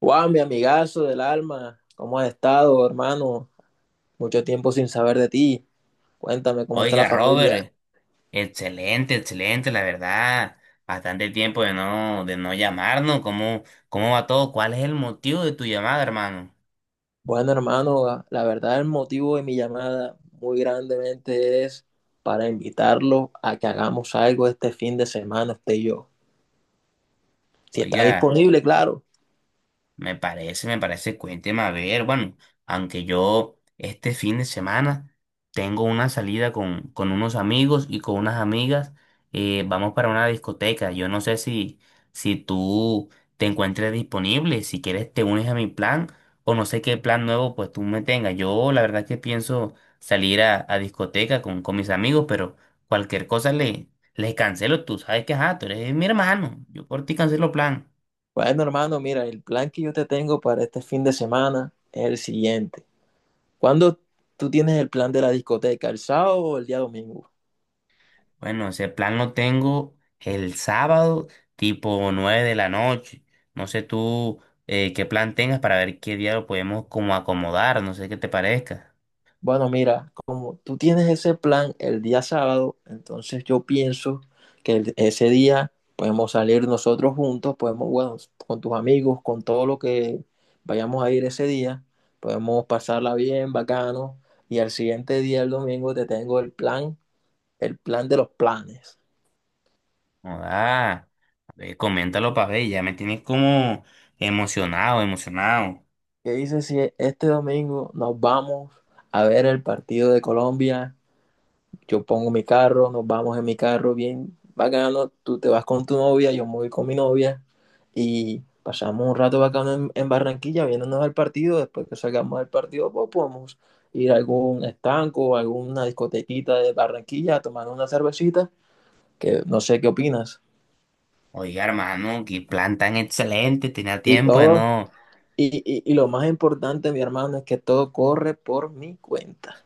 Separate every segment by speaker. Speaker 1: Wow, mi amigazo del alma, ¿cómo has estado, hermano? Mucho tiempo sin saber de ti. Cuéntame cómo está la
Speaker 2: Oiga,
Speaker 1: familia.
Speaker 2: Robert, excelente, excelente, la verdad. Bastante tiempo de no llamarnos. ¿Cómo va todo? ¿Cuál es el motivo de tu llamada, hermano?
Speaker 1: Bueno, hermano, la verdad el motivo de mi llamada muy grandemente es para invitarlo a que hagamos algo este fin de semana, usted y yo. Si está
Speaker 2: Oiga.
Speaker 1: disponible, claro.
Speaker 2: Me parece, cuénteme a ver, bueno, aunque yo este fin de semana tengo una salida con unos amigos y con unas amigas, vamos para una discoteca. Yo no sé si, si tú te encuentres disponible. Si quieres te unes a mi plan, o no sé qué plan nuevo pues tú me tengas. Yo la verdad que pienso salir a discoteca con mis amigos, pero cualquier cosa le, les cancelo. Tú sabes que ajá, tú eres mi hermano, yo por ti cancelo plan.
Speaker 1: Bueno, hermano, mira, el plan que yo te tengo para este fin de semana es el siguiente. ¿Cuándo tú tienes el plan de la discoteca? ¿El sábado o el día domingo?
Speaker 2: Bueno, ese plan lo tengo el sábado, tipo 9 de la noche. No sé tú qué plan tengas para ver qué día lo podemos como acomodar, no sé qué te parezca.
Speaker 1: Bueno, mira, como tú tienes ese plan el día sábado, entonces yo pienso que ese día podemos salir nosotros juntos, podemos, bueno, con tus amigos, con todo lo que vayamos a ir ese día, podemos pasarla bien, bacano, y al siguiente día, el domingo, te tengo el plan de los planes.
Speaker 2: Ah, coméntalo para ver, ya me tienes como emocionado, emocionado.
Speaker 1: ¿Qué dices si este domingo nos vamos a ver el partido de Colombia? Yo pongo mi carro, nos vamos en mi carro bien bacano, tú te vas con tu novia, yo me voy con mi novia y pasamos un rato bacano en Barranquilla viéndonos al partido. Después que salgamos del partido pues podemos ir a algún estanco, o alguna discotequita de Barranquilla a tomar una cervecita, que no sé qué opinas.
Speaker 2: Oiga, hermano, qué plan tan excelente, tenía
Speaker 1: Y
Speaker 2: tiempo de
Speaker 1: todo,
Speaker 2: no.
Speaker 1: y lo más importante, mi hermano, es que todo corre por mi cuenta.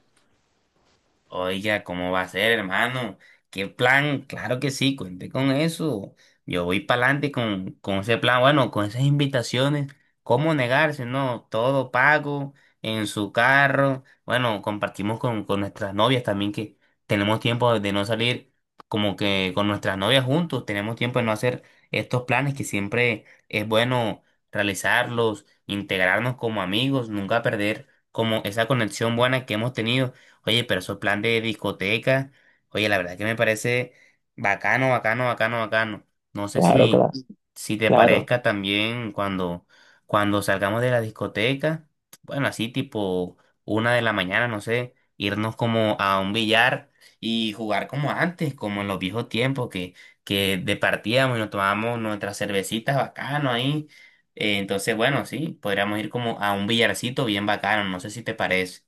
Speaker 2: Oiga, ¿cómo va a ser, hermano? ¿Qué plan? Claro que sí, cuente con eso. Yo voy para adelante con ese plan, bueno, con esas invitaciones. ¿Cómo negarse? No, todo pago, en su carro. Bueno, compartimos con nuestras novias también, que tenemos tiempo de no salir como que con nuestras novias juntos. Tenemos tiempo de no hacer estos planes que siempre es bueno realizarlos, integrarnos como amigos, nunca perder como esa conexión buena que hemos tenido. Oye, pero esos plan de discoteca, oye, la verdad que me parece bacano, bacano, bacano, bacano. No sé
Speaker 1: Claro, claro,
Speaker 2: si, si te
Speaker 1: claro.
Speaker 2: parezca también cuando, cuando salgamos de la discoteca, bueno, así tipo 1 de la mañana, no sé, irnos como a un billar y jugar como antes, como en los viejos tiempos que departíamos y nos tomábamos nuestras cervecitas bacano ahí. Entonces, bueno, sí, podríamos ir como a un billarcito bien bacano, no sé si te parece.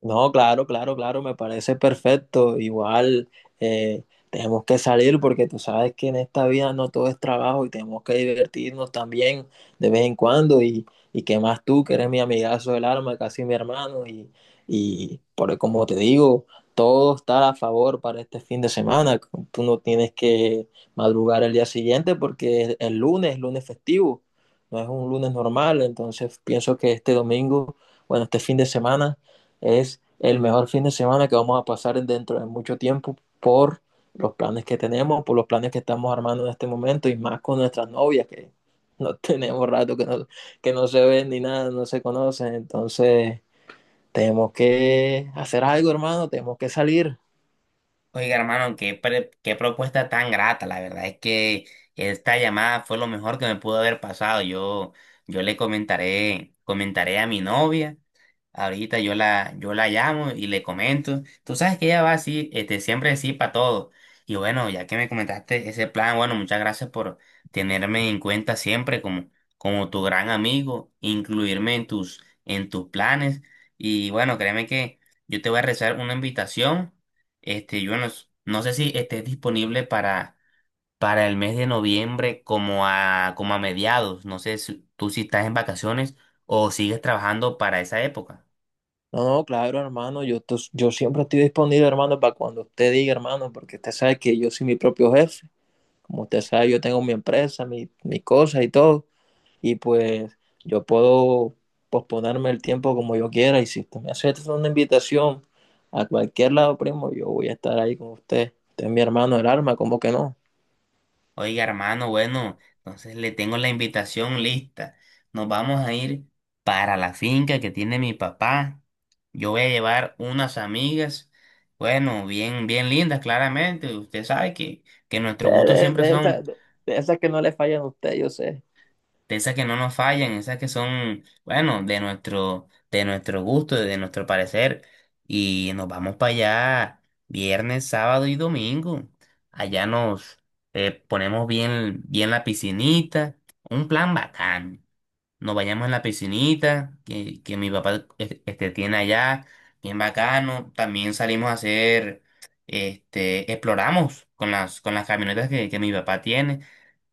Speaker 1: No, claro, claro, claro, me parece perfecto. Igual eh, tenemos que salir porque tú sabes que en esta vida no todo es trabajo y tenemos que divertirnos también de vez en cuando. Y qué más tú, que eres mi amigazo del alma, casi mi hermano. Y por, como te digo, todo está a favor para este fin de semana. Tú no tienes que madrugar el día siguiente porque es el lunes, lunes festivo, no es un lunes normal. Entonces pienso que este domingo, bueno, este fin de semana. Es el mejor fin de semana que vamos a pasar dentro de mucho tiempo por los planes que tenemos, por los planes que estamos armando en este momento y más con nuestras novias que no tenemos rato que no se ven ni nada, no se conocen. Entonces, tenemos que hacer algo, hermano, tenemos que salir.
Speaker 2: Oiga, hermano, qué, qué propuesta tan grata. La verdad es que esta llamada fue lo mejor que me pudo haber pasado. Yo le comentaré a mi novia. Ahorita yo la, yo la llamo y le comento. Tú sabes que ella va así, este, siempre así para todo. Y bueno, ya que me comentaste ese plan, bueno, muchas gracias por tenerme en cuenta siempre como, como tu gran amigo, incluirme en tus planes. Y bueno, créeme que yo te voy a rezar una invitación. Este, yo no, no sé si estés disponible para el mes de noviembre como a, como a mediados. No sé si tú si estás en vacaciones o sigues trabajando para esa época.
Speaker 1: No, no, claro, hermano, yo siempre estoy disponible, hermano, para cuando usted diga, hermano, porque usted sabe que yo soy mi propio jefe. Como usted sabe, yo tengo mi empresa, mi, mis cosas y todo. Y pues yo puedo posponerme el tiempo como yo quiera y si usted me hace una invitación a cualquier lado, primo, yo voy a estar ahí con usted. Usted es mi hermano del alma, ¿cómo que no?
Speaker 2: Oiga, hermano, bueno, entonces le tengo la invitación lista. Nos vamos a ir para la finca que tiene mi papá. Yo voy a llevar unas amigas, bueno, bien, bien lindas, claramente. Usted sabe que nuestros gustos siempre
Speaker 1: De
Speaker 2: son
Speaker 1: esas de esas que no le fallan a usted, yo sé.
Speaker 2: de esas que no nos fallan, esas que son, bueno, de nuestro gusto, de nuestro parecer. Y nos vamos para allá viernes, sábado y domingo. Allá nos ponemos bien, bien la piscinita. Un plan bacán. Nos vayamos en la piscinita que mi papá este, tiene allá. Bien bacano. También salimos a hacer, este, exploramos con las camionetas que mi papá tiene.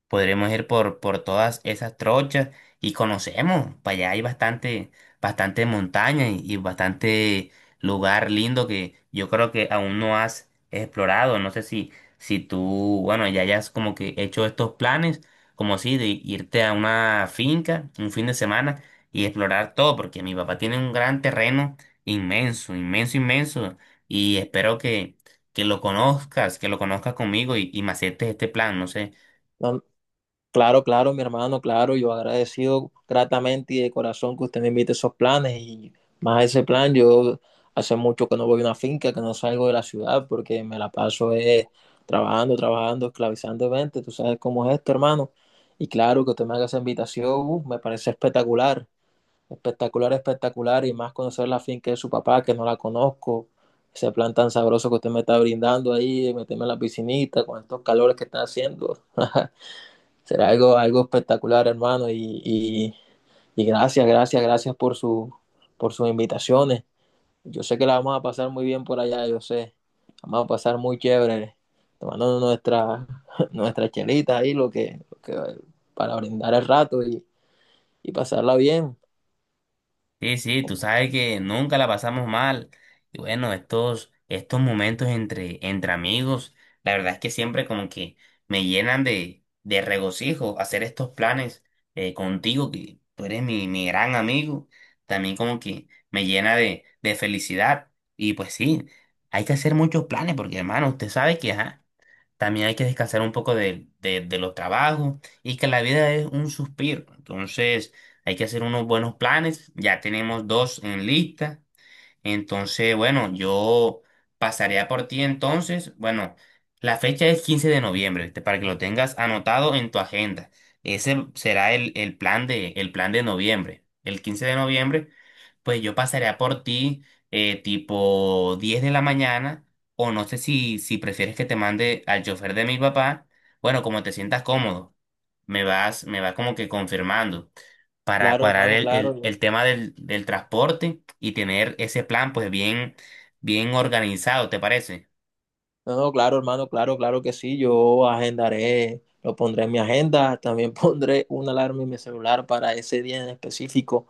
Speaker 2: Podremos ir por todas esas trochas y conocemos. Para allá hay bastante, bastante montaña y bastante lugar lindo que yo creo que aún no has explorado. No sé si, si tú, bueno, ya hayas como que hecho estos planes, como si de irte a una finca un fin de semana y explorar todo, porque mi papá tiene un gran terreno inmenso, inmenso, inmenso. Y espero que lo conozcas conmigo y me aceptes este plan. No sé.
Speaker 1: No, claro, claro, mi hermano, claro, yo agradecido gratamente y de corazón que usted me invite a esos planes y más a ese plan. Yo hace mucho que no voy a una finca, que no salgo de la ciudad porque me la paso trabajando, trabajando, esclavizando gente, tú sabes cómo es esto, hermano. Y claro que usted me haga esa invitación, me parece espectacular, espectacular, espectacular y más conocer la finca de su papá, que no la conozco, ese plan tan sabroso que usted me está brindando ahí, meterme en la piscinita con estos calores que está haciendo. Será algo, algo espectacular, hermano. Y gracias, gracias, gracias por, su, por sus invitaciones. Yo sé que la vamos a pasar muy bien por allá, yo sé. Vamos a pasar muy chévere, tomando nuestra, nuestras chelitas ahí, lo que, para brindar el rato y pasarla bien.
Speaker 2: Sí, sí, tú sabes que nunca la pasamos mal. Y bueno, estos, estos momentos entre, entre amigos, la verdad es que siempre como que me llenan de regocijo hacer estos planes contigo, que tú eres mi, mi gran amigo. También como que me llena de felicidad. Y pues sí, hay que hacer muchos planes porque hermano, usted sabe que ajá, también hay que descansar un poco de los trabajos y que la vida es un suspiro. Entonces... hay que hacer unos buenos planes. Ya tenemos dos en lista. Entonces, bueno, yo pasaría por ti entonces. Bueno, la fecha es 15 de noviembre, ¿viste? Para que lo tengas anotado en tu agenda. Ese será el plan de noviembre. El 15 de noviembre, pues yo pasaría por ti tipo 10 de la mañana. O no sé si, si prefieres que te mande al chofer de mi papá. Bueno, como te sientas cómodo. Me vas como que confirmando para
Speaker 1: Claro,
Speaker 2: cuadrar
Speaker 1: hermano,
Speaker 2: el,
Speaker 1: claro.
Speaker 2: el tema del, del transporte y tener ese plan pues bien, bien organizado, ¿te parece?
Speaker 1: No, no, claro, hermano, claro, claro que sí. Yo agendaré, lo pondré en mi agenda. También pondré una alarma en mi celular para ese día en específico,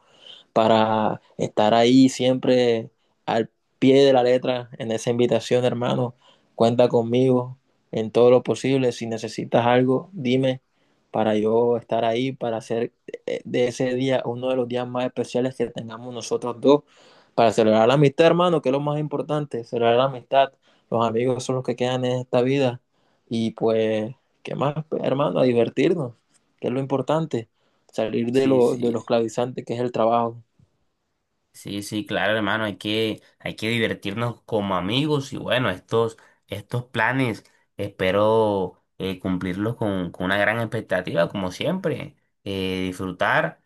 Speaker 1: para estar ahí siempre al pie de la letra en esa invitación, hermano. Cuenta conmigo en todo lo posible. Si necesitas algo, dime para yo estar ahí, para hacer de ese día uno de los días más especiales que tengamos nosotros dos, para celebrar la amistad, hermano, que es lo más importante, celebrar la amistad. Los amigos son los que quedan en esta vida. Y pues, ¿qué más, hermano? A divertirnos, que es lo importante, salir de,
Speaker 2: Sí,
Speaker 1: lo, de
Speaker 2: sí.
Speaker 1: los clavizantes que es el trabajo.
Speaker 2: Sí, sí, claro, hermano, hay que divertirnos como amigos y bueno, estos, estos planes espero cumplirlos con una gran expectativa, como siempre, disfrutar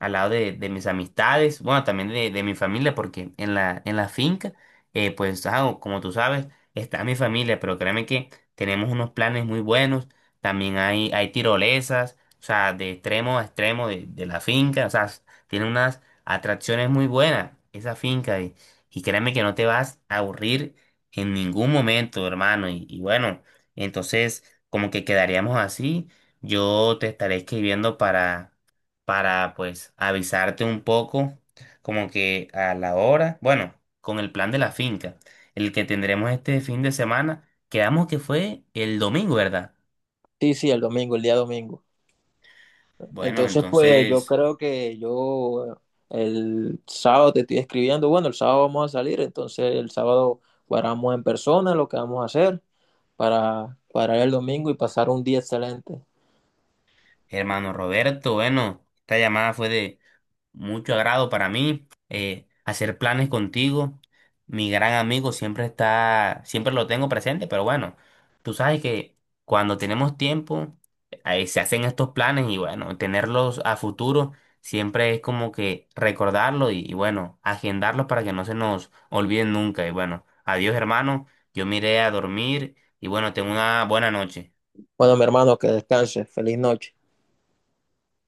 Speaker 2: al lado de mis amistades, bueno, también de mi familia, porque en la finca, pues, ah, como tú sabes, está mi familia, pero créeme que tenemos unos planes muy buenos, también hay tirolesas, o sea, de extremo a extremo de la finca, o sea, tiene unas atracción es muy buena, esa finca. Y créeme que no te vas a aburrir en ningún momento, hermano. Y bueno, entonces como que quedaríamos así. Yo te estaré escribiendo para pues avisarte un poco, como que a la hora, bueno, con el plan de la finca, el que tendremos este fin de semana. Quedamos que fue el domingo, ¿verdad?
Speaker 1: Sí, sí, el domingo, el día domingo.
Speaker 2: Bueno,
Speaker 1: Entonces, pues yo
Speaker 2: entonces...
Speaker 1: creo que yo el sábado te estoy escribiendo, bueno, el sábado vamos a salir, entonces el sábado guardamos en persona lo que vamos a hacer para el domingo y pasar un día excelente.
Speaker 2: Hermano Roberto, bueno, esta llamada fue de mucho agrado para mí, hacer planes contigo. Mi gran amigo siempre está, siempre lo tengo presente, pero bueno, tú sabes que cuando tenemos tiempo, ahí se hacen estos planes y bueno, tenerlos a futuro siempre es como que recordarlo y bueno, agendarlos para que no se nos olviden nunca. Y bueno, adiós hermano, yo me iré a dormir y bueno, tengo una buena noche.
Speaker 1: Bueno, mi hermano, que descanse, feliz noche.